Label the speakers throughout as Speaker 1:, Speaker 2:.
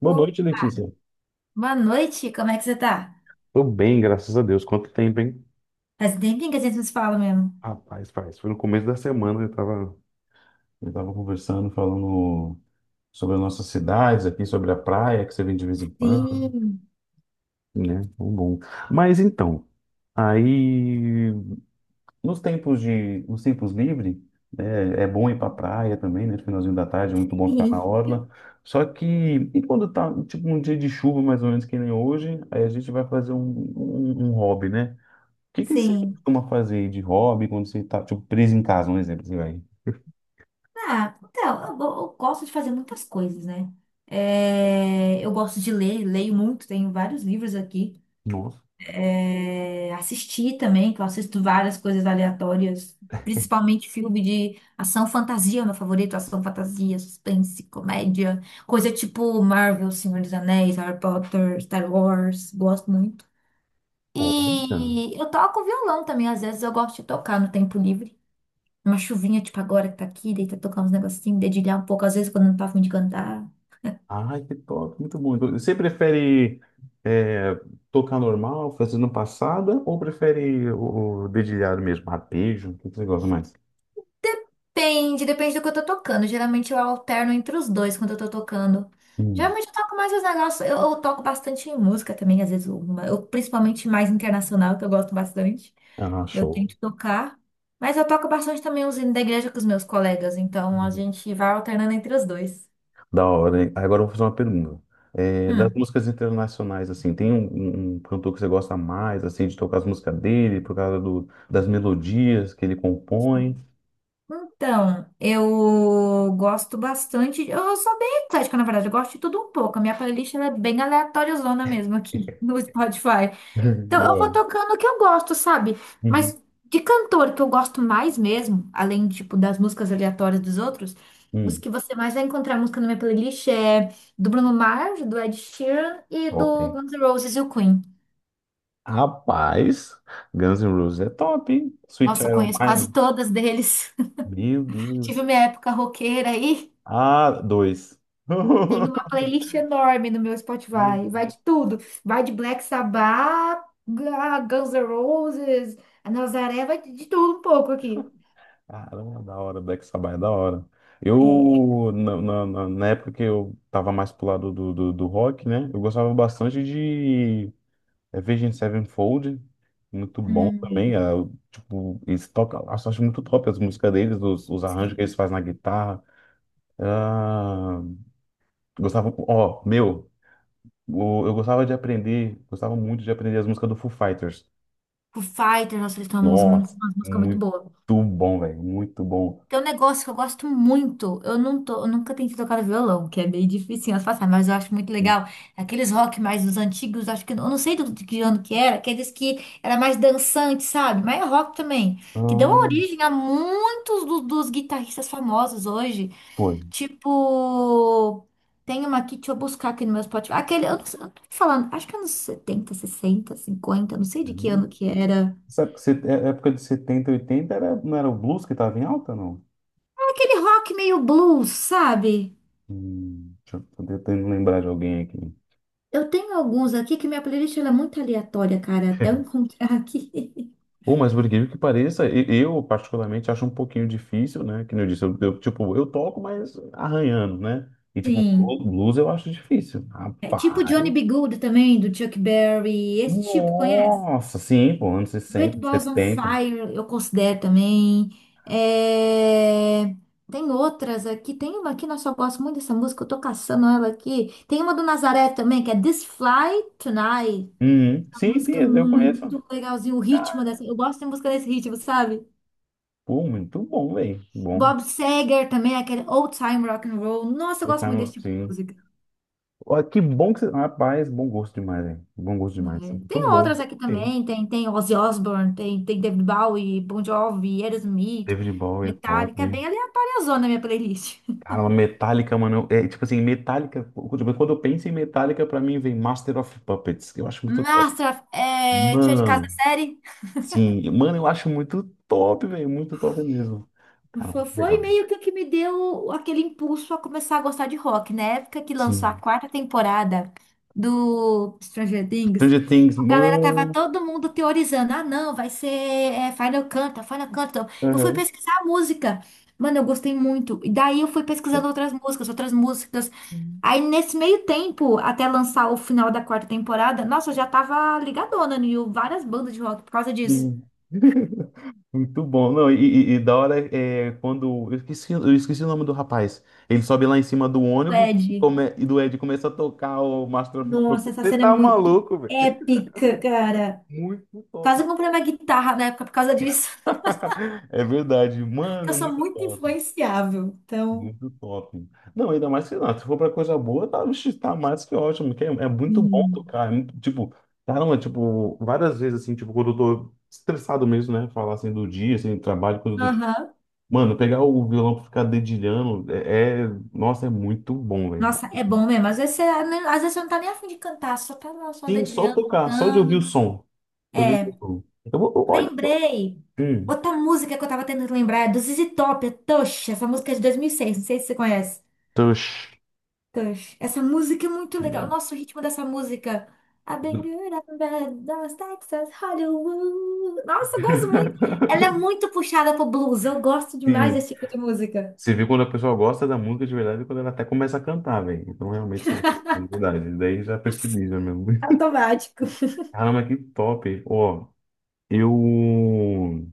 Speaker 1: Boa
Speaker 2: Ô,
Speaker 1: noite, Letícia.
Speaker 2: boa noite, como é que você tá?
Speaker 1: Tô bem, graças a Deus. Quanto tempo, hein?
Speaker 2: Faz um tempinho que a gente não se fala mesmo.
Speaker 1: Rapaz, faz. Foi no começo da semana, eu tava. Eu estava conversando, falando sobre as nossas cidades aqui, sobre a praia que você vem de vez em quando.
Speaker 2: Sim,
Speaker 1: Né? Bom, bom. Mas então, aí. Nos tempos livres, né, é bom ir para praia também, né? No finalzinho da tarde, é muito bom ficar na
Speaker 2: sim.
Speaker 1: orla. Só que, e quando tá, tipo, um dia de chuva, mais ou menos que nem hoje, aí a gente vai fazer um, um hobby, né? O que que você
Speaker 2: Sim.
Speaker 1: costuma fazer de hobby quando você tá, tipo, preso em casa, um exemplo, você vai.
Speaker 2: Ah, então, eu gosto de fazer muitas coisas, né? É, eu gosto de ler, leio muito, tenho vários livros aqui.
Speaker 1: Nossa,
Speaker 2: É, assistir também, que eu assisto várias coisas aleatórias, principalmente filme de ação fantasia, meu favorito, ação fantasia, suspense, comédia, coisa tipo Marvel, Senhor dos Anéis, Harry Potter, Star Wars, gosto muito.
Speaker 1: olha.
Speaker 2: E eu toco violão também, às vezes eu gosto de tocar no tempo livre. Uma chuvinha, tipo agora que tá aqui, deita tocar uns negocinhos, dedilhar um pouco, às vezes quando eu não tá afim de cantar.
Speaker 1: Ai, que top, muito bom. Então, você prefere é, tocar normal, fazendo passada, ou prefere o, dedilhado mesmo, arpejo? O que que você gosta mais?
Speaker 2: Depende, depende do que eu tô tocando. Geralmente eu alterno entre os dois quando eu tô tocando.
Speaker 1: Hum,
Speaker 2: Geralmente eu toco mais os negócios, eu toco bastante em música também, às vezes, uma, eu, principalmente mais internacional, que eu gosto bastante.
Speaker 1: ah,
Speaker 2: Eu
Speaker 1: show.
Speaker 2: tento tocar, mas eu toco bastante também os hinos da igreja com os meus colegas, então a gente vai alternando entre os dois.
Speaker 1: Da hora, hein? Agora eu vou fazer uma pergunta. É, das
Speaker 2: Hum.
Speaker 1: músicas internacionais, assim, tem um, um cantor que você gosta mais, assim, de tocar as músicas dele, por causa do, das melodias que ele compõe?
Speaker 2: Então, eu gosto bastante. Eu sou bem eclética, na verdade. Eu gosto de tudo um pouco. A minha playlist ela é bem aleatóriazona mesmo aqui no Spotify. Então,
Speaker 1: Da
Speaker 2: eu vou
Speaker 1: hora.
Speaker 2: tocando o que eu gosto, sabe?
Speaker 1: Uhum.
Speaker 2: Mas de cantor que eu gosto mais mesmo, além, tipo, das músicas aleatórias dos outros, os
Speaker 1: Hum,
Speaker 2: que você mais vai encontrar música na minha playlist é do Bruno Mars, do Ed Sheeran e
Speaker 1: top.
Speaker 2: do Guns N' Roses e o Queen.
Speaker 1: Rapaz, Guns N' Roses é top, hein? Sweet
Speaker 2: Nossa, eu
Speaker 1: Child O'
Speaker 2: conheço quase
Speaker 1: Mine.
Speaker 2: todas deles.
Speaker 1: Meu
Speaker 2: Tive
Speaker 1: Deus.
Speaker 2: minha época roqueira aí.
Speaker 1: Ah, dois.
Speaker 2: Tem uma playlist enorme no meu
Speaker 1: Ih,
Speaker 2: Spotify. Vai de tudo. Vai de Black Sabbath, Guns N' Roses, a Nazaré, vai de tudo um pouco aqui.
Speaker 1: caramba, da hora. Black Sabbath é da hora.
Speaker 2: É.
Speaker 1: Eu, na, na, na época que eu tava mais pro lado do, do rock, né? Eu gostava bastante de Virgin Sevenfold. Muito bom
Speaker 2: Hum,
Speaker 1: também. Tipo, eles tocam. Nossa, eu acho muito top as músicas deles, os arranjos
Speaker 2: sim.
Speaker 1: que eles fazem na guitarra. Ah, gostava. Ó, meu. Eu gostava de aprender, gostava muito de aprender as músicas do Foo Fighters.
Speaker 2: Foo Fighters, nossa, eles têm
Speaker 1: Nossa,
Speaker 2: uma música muito
Speaker 1: muito
Speaker 2: boa.
Speaker 1: bom, velho, muito bom.
Speaker 2: Tem um negócio que eu gosto muito. Eu não tô, eu nunca tentei tocar violão, que é meio difícil de passar, mas eu acho muito legal. Aqueles rock mais dos antigos, acho que eu não sei de que ano que era, aqueles que era mais dançante, sabe? Mas é rock também, que deu
Speaker 1: Então,
Speaker 2: origem a muitos dos guitarristas famosos hoje.
Speaker 1: foi.
Speaker 2: Tipo, tem uma aqui, deixa eu buscar aqui no meu Spotify. Aquele, eu não sei, eu tô falando, acho que anos 70, 60, 50. Não sei de que ano que era.
Speaker 1: Sabe que época de 70, 80 era, não era o blues que estava em alta, não?
Speaker 2: É aquele rock meio blues, sabe?
Speaker 1: Deixa, eu tô tentando lembrar de alguém aqui.
Speaker 2: Eu tenho alguns aqui que minha playlist ela é muito aleatória, cara, até eu encontrar aqui.
Speaker 1: Ou, mas por incrível que pareça, eu particularmente acho um pouquinho difícil, né? Que nem eu disse, eu, tipo, eu toco, mas arranhando, né? E tipo,
Speaker 2: Sim.
Speaker 1: blues eu acho difícil.
Speaker 2: É tipo Johnny
Speaker 1: Rapaz.
Speaker 2: B. Good também, do Chuck Berry, esse tipo, conhece?
Speaker 1: Nossa, sim, pô, anos
Speaker 2: Great
Speaker 1: 60,
Speaker 2: Balls on
Speaker 1: 70.
Speaker 2: Fire, eu considero também. É, tem outras aqui, tem uma aqui, nossa, eu gosto muito dessa música, eu tô caçando ela aqui. Tem uma do Nazaré também, que é This Fly Tonight.
Speaker 1: Uhum.
Speaker 2: Uma
Speaker 1: Sim, sim,
Speaker 2: música é
Speaker 1: eu conheço.
Speaker 2: muito legalzinha, o ritmo dessa, eu gosto de música desse ritmo, sabe?
Speaker 1: Pô, muito bom, velho. Bom.
Speaker 2: Bob Seger também, aquele old time rock and roll. Nossa, eu
Speaker 1: O
Speaker 2: gosto muito
Speaker 1: Camelot,
Speaker 2: desse tipo de
Speaker 1: sim.
Speaker 2: música.
Speaker 1: Ó, que bom que você. Rapaz, bom gosto demais, velho. Bom gosto demais.
Speaker 2: É,
Speaker 1: Muito
Speaker 2: tem
Speaker 1: bom.
Speaker 2: outras aqui
Speaker 1: Sim.
Speaker 2: também, tem, tem, Ozzy Osbourne, tem David Bowie, Bon Jovi, Aerosmith,
Speaker 1: David Bowie é top.
Speaker 2: Metallica, é bem aleatória a zona minha playlist.
Speaker 1: Cara, uma Metallica, mano. É, tipo assim, Metallica. Tipo, quando eu penso em Metallica, pra mim vem Master of Puppets, que eu acho muito top.
Speaker 2: Master, é, Tira de Casa da
Speaker 1: Mano,
Speaker 2: Série,
Speaker 1: sim. Mano, eu acho muito top, velho. Muito top mesmo. Cara,
Speaker 2: foi
Speaker 1: legal.
Speaker 2: meio que o que me deu aquele impulso a começar a gostar de rock, na época que lançou a
Speaker 1: Sim.
Speaker 2: quarta temporada do Stranger Things.
Speaker 1: Stranger Things,
Speaker 2: A galera tava
Speaker 1: mano.
Speaker 2: todo mundo teorizando. Ah, não, vai ser é, Final Canta, Final Canta. Eu fui pesquisar a música. Mano, eu gostei muito. E daí eu fui pesquisando outras músicas, outras músicas.
Speaker 1: Sim.
Speaker 2: Aí nesse meio tempo, até lançar o final da quarta temporada, nossa, eu já tava ligadona em várias bandas de rock por causa disso.
Speaker 1: Muito bom. Não, e da hora é quando. Eu esqueci o nome do rapaz. Ele sobe lá em cima do ônibus e,
Speaker 2: Ed.
Speaker 1: e do Ed começa a tocar o Master of
Speaker 2: Nossa,
Speaker 1: Puppets.
Speaker 2: essa
Speaker 1: Você
Speaker 2: cena é
Speaker 1: tá
Speaker 2: muito
Speaker 1: maluco, velho?
Speaker 2: épica, cara.
Speaker 1: Muito top.
Speaker 2: Quase eu comprei uma guitarra na época por causa disso.
Speaker 1: É verdade,
Speaker 2: Eu
Speaker 1: mano,
Speaker 2: sou
Speaker 1: muito
Speaker 2: muito
Speaker 1: top.
Speaker 2: influenciável. Então.
Speaker 1: Muito top. Não, ainda mais que não. Se for pra coisa boa, tá, vixe, tá mais que ótimo. Que é muito bom
Speaker 2: Hum.
Speaker 1: tocar. É muito, tipo, caramba, tipo, várias vezes assim, tipo, quando eu tô estressado mesmo, né? Falar assim do dia, assim, trabalho, coisa do dia.
Speaker 2: Aham.
Speaker 1: Mano, pegar o violão pra ficar dedilhando nossa, é muito bom, velho.
Speaker 2: Nossa, é bom mesmo. Às vezes você não tá nem afim de cantar, só tá lá só
Speaker 1: Sim, só
Speaker 2: dedilhando,
Speaker 1: tocar, só de ouvir o
Speaker 2: tocando.
Speaker 1: som. Só de ouvir o
Speaker 2: É,
Speaker 1: som. Então, eu vou, olha só.
Speaker 2: lembrei.
Speaker 1: Hum,
Speaker 2: Outra música que eu tava tentando lembrar é do ZZ Top, é Tush. Essa música é de 2006, não sei se você conhece.
Speaker 1: Tush.
Speaker 2: Tush. Essa música é muito legal. Nossa, o ritmo dessa música. I've been good, I've been bad, Dallas, Texas, Hollywood. Nossa, eu gosto muito. Ela é muito puxada pro blues. Eu gosto demais
Speaker 1: Sim.
Speaker 2: desse tipo de música.
Speaker 1: Você vê quando a pessoa gosta da música de verdade e quando ela até começa a cantar, velho. Então realmente você gosta de verdade. Daí já percebi já mesmo.
Speaker 2: Automático.
Speaker 1: Caramba, que top. Ó, eu.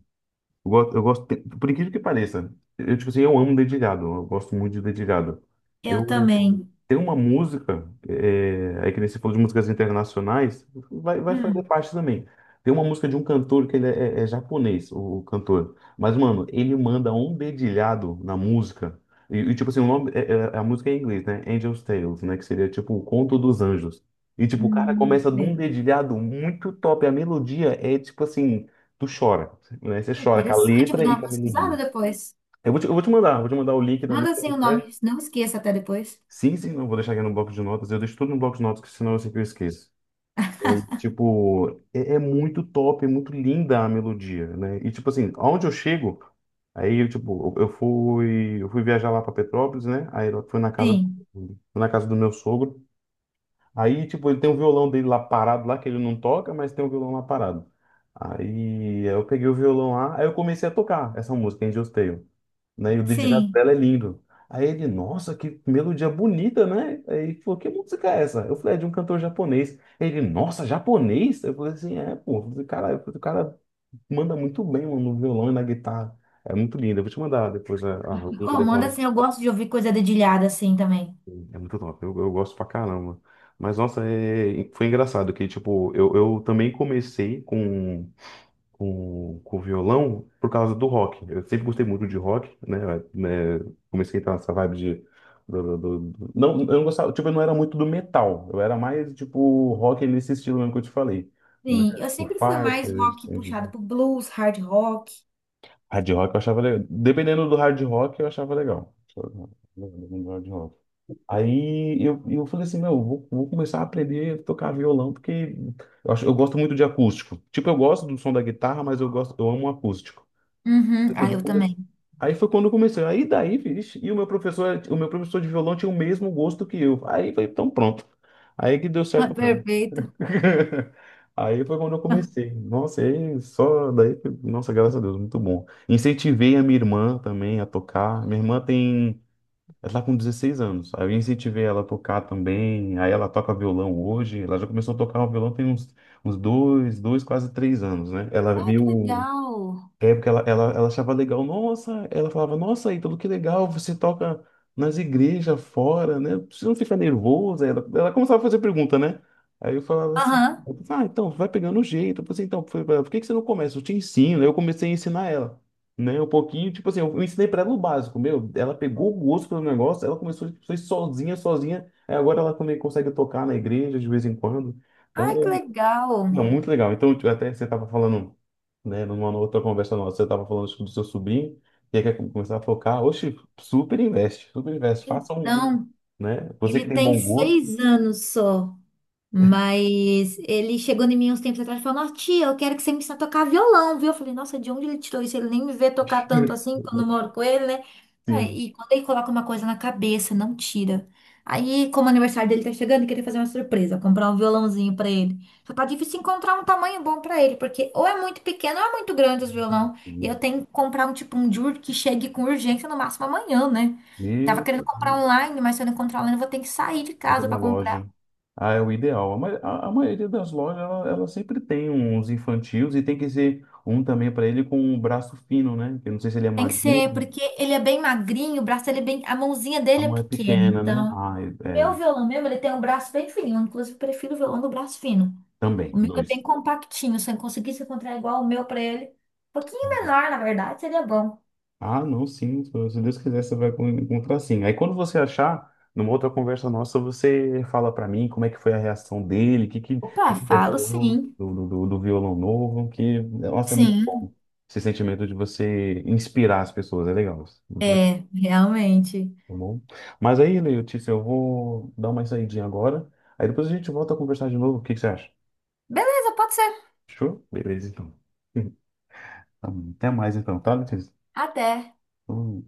Speaker 1: Eu gosto, por incrível que pareça, eu, tipo assim, eu amo dedilhado, eu gosto muito de dedilhado.
Speaker 2: Eu
Speaker 1: Eu
Speaker 2: também.
Speaker 1: tenho uma música, aí que nem você falou de músicas internacionais, vai fazer
Speaker 2: Hum,
Speaker 1: parte também. Tem uma música de um cantor que ele é japonês, o, cantor. Mas, mano, ele manda um dedilhado na música. E, tipo assim, o nome, a música é em inglês, né? Angel's Tales, né? Que seria tipo o Conto dos Anjos. E, tipo, o cara começa de um
Speaker 2: É.
Speaker 1: dedilhado muito top. A melodia é, tipo assim, tu chora, né? Você chora com a
Speaker 2: Interessante, eu
Speaker 1: letra
Speaker 2: vou dar
Speaker 1: e
Speaker 2: uma
Speaker 1: com a melodia.
Speaker 2: pesquisada depois.
Speaker 1: Eu vou te mandar o link da
Speaker 2: Manda
Speaker 1: música
Speaker 2: assim o nome,
Speaker 1: até.
Speaker 2: não esqueça até depois.
Speaker 1: Sim, sim, não vou deixar aqui no bloco de notas. Eu deixo tudo no bloco de notas, que senão eu sei que eu esqueço. E aí, tipo, é muito top, é muito linda a melodia, né? E tipo assim, aonde eu chego, aí eu tipo, eu fui viajar lá para Petrópolis, né? Aí eu
Speaker 2: Sim,
Speaker 1: fui na casa do meu sogro. Aí, tipo, ele tem um violão dele lá parado lá, que ele não toca, mas tem um violão lá parado. Aí eu peguei o violão lá, aí eu comecei a tocar essa música, Angel's Tale, né? E o dedilhado
Speaker 2: sim.
Speaker 1: dela é lindo. Aí ele, nossa, que melodia bonita, né? Aí ele falou, que música é essa? Eu falei, é de um cantor japonês. Ele, nossa, japonês? Eu falei assim, pô, eu falei, cara, eu falei, o cara manda muito bem, mano, no violão e na guitarra. É muito lindo, eu vou te mandar depois a, o link
Speaker 2: Oh,
Speaker 1: dessa.
Speaker 2: manda assim, eu gosto de ouvir coisa dedilhada assim também.
Speaker 1: É muito top, eu gosto pra caramba. Mas, nossa, foi engraçado que, tipo, eu também comecei com, com violão por causa do rock. Eu sempre gostei muito de rock, né? É, comecei a entrar nessa vibe de... Não, eu não gostava, tipo, eu não era muito do metal. Eu era mais, tipo, rock nesse estilo mesmo que eu te falei, né?
Speaker 2: Sim, eu
Speaker 1: O
Speaker 2: sempre fui mais
Speaker 1: Fighters,
Speaker 2: rock puxada pro blues, hard rock.
Speaker 1: hard rock eu achava legal. Dependendo do hard rock, eu achava legal. Dependendo do hard rock. Aí eu falei assim, meu, eu vou começar a aprender a tocar violão, porque eu gosto muito de acústico. Tipo, eu gosto do som da guitarra, mas eu amo o acústico.
Speaker 2: Uhum,
Speaker 1: Eu falei, assim,
Speaker 2: ah,
Speaker 1: vou
Speaker 2: eu
Speaker 1: começar.
Speaker 2: também.
Speaker 1: Aí foi quando eu comecei. Aí daí, vixe, e o meu professor, de violão tinha o mesmo gosto que eu. Aí foi, então pronto. Aí que deu
Speaker 2: Ah,
Speaker 1: certo mesmo.
Speaker 2: perfeito.
Speaker 1: Aí foi quando eu comecei. Nossa, aí só daí, nossa, graças a Deus, muito bom. Incentivei a minha irmã também a tocar. Minha irmã tem ela tá com 16 anos. Aí eu incentivei ela a tocar também. Aí ela toca violão hoje. Ela já começou a tocar o violão tem uns dois, dois, quase 3 anos, né? Ela
Speaker 2: Ah, que
Speaker 1: viu
Speaker 2: legal.
Speaker 1: porque ela achava legal, nossa, ela falava, nossa, Ítalo, que legal, você toca nas igrejas fora, né? Você não fica nervoso? Aí Ela começava a fazer pergunta, né? Aí eu falava assim,
Speaker 2: Aham.
Speaker 1: eu falava, ah, então, vai pegando o jeito. Eu falei, assim, então, foi, por que que você não começa? Eu te ensino. Aí eu comecei a ensinar ela, né? Um pouquinho, tipo assim, eu ensinei pra ela o básico, meu, ela pegou o gosto pelo negócio, ela começou, foi sozinha, sozinha, aí agora ela também consegue tocar na igreja de vez em quando. Então,
Speaker 2: Ah, que legal.
Speaker 1: não, muito legal. Então, tipo, até você estava falando, né, numa outra conversa nossa, você estava falando acho que do seu sobrinho, e aí quer começar a focar, oxe, super investe, faça um,
Speaker 2: Então,
Speaker 1: né? Você
Speaker 2: ele
Speaker 1: que tem
Speaker 2: tem
Speaker 1: bom gosto,
Speaker 2: 6 anos só. Mas ele chegou em mim uns tempos atrás e falou: Nossa, tia, eu quero que você me ensine a tocar violão, viu? Eu falei: Nossa, de onde ele tirou isso? Ele nem me vê tocar tanto assim quando eu moro com ele, né?
Speaker 1: sim.
Speaker 2: Aí, e quando ele coloca uma coisa na cabeça, não tira. Aí, como o aniversário dele tá chegando, eu queria fazer uma surpresa, comprar um violãozinho pra ele. Só tá difícil encontrar um tamanho bom pra ele, porque ou é muito pequeno ou é muito grande os violão. E eu tenho que comprar um tipo um de que chegue com urgência no máximo amanhã, né? Tava querendo
Speaker 1: E
Speaker 2: comprar online, mas se eu não encontrar online, eu vou ter que sair de
Speaker 1: tem que ir
Speaker 2: casa
Speaker 1: na
Speaker 2: pra comprar.
Speaker 1: loja. Ah, é o ideal. A maioria das lojas, ela sempre tem uns infantis e tem que ser um também para ele com um braço fino, né? Eu não sei se ele é
Speaker 2: Tem que ser,
Speaker 1: magrinho,
Speaker 2: porque ele é bem magrinho, o braço ele é bem, a mãozinha
Speaker 1: a
Speaker 2: dele é
Speaker 1: mão é
Speaker 2: pequena,
Speaker 1: pequena, né?
Speaker 2: então.
Speaker 1: Ah, é, é,
Speaker 2: Meu violão mesmo, ele tem um braço bem fininho, eu, inclusive prefiro o violão do braço fino.
Speaker 1: também,
Speaker 2: O meu é bem
Speaker 1: dois.
Speaker 2: compactinho, se eu conseguisse encontrar igual o meu pra ele, um pouquinho menor, na verdade, seria bom.
Speaker 1: Ah, não, sim. Se Deus quiser, você vai encontrar sim. Aí quando você achar, numa outra conversa nossa, você fala pra mim como é que foi a reação dele, o
Speaker 2: Opa,
Speaker 1: que que ele
Speaker 2: falo
Speaker 1: achou
Speaker 2: sim.
Speaker 1: do, do, do violão novo, que, nossa, é muito
Speaker 2: Sim,
Speaker 1: bom. Esse sentimento de você inspirar as pessoas, é legal. Muito legal,
Speaker 2: é, realmente.
Speaker 1: tá bom? Mas aí, Letícia, eu vou dar uma saidinha agora. Aí depois a gente volta a conversar de novo. O que que você acha?
Speaker 2: Beleza, pode ser.
Speaker 1: Fechou? Beleza, então. Tá bom. Até mais, então, tá, Letícia?
Speaker 2: Até.
Speaker 1: Hum.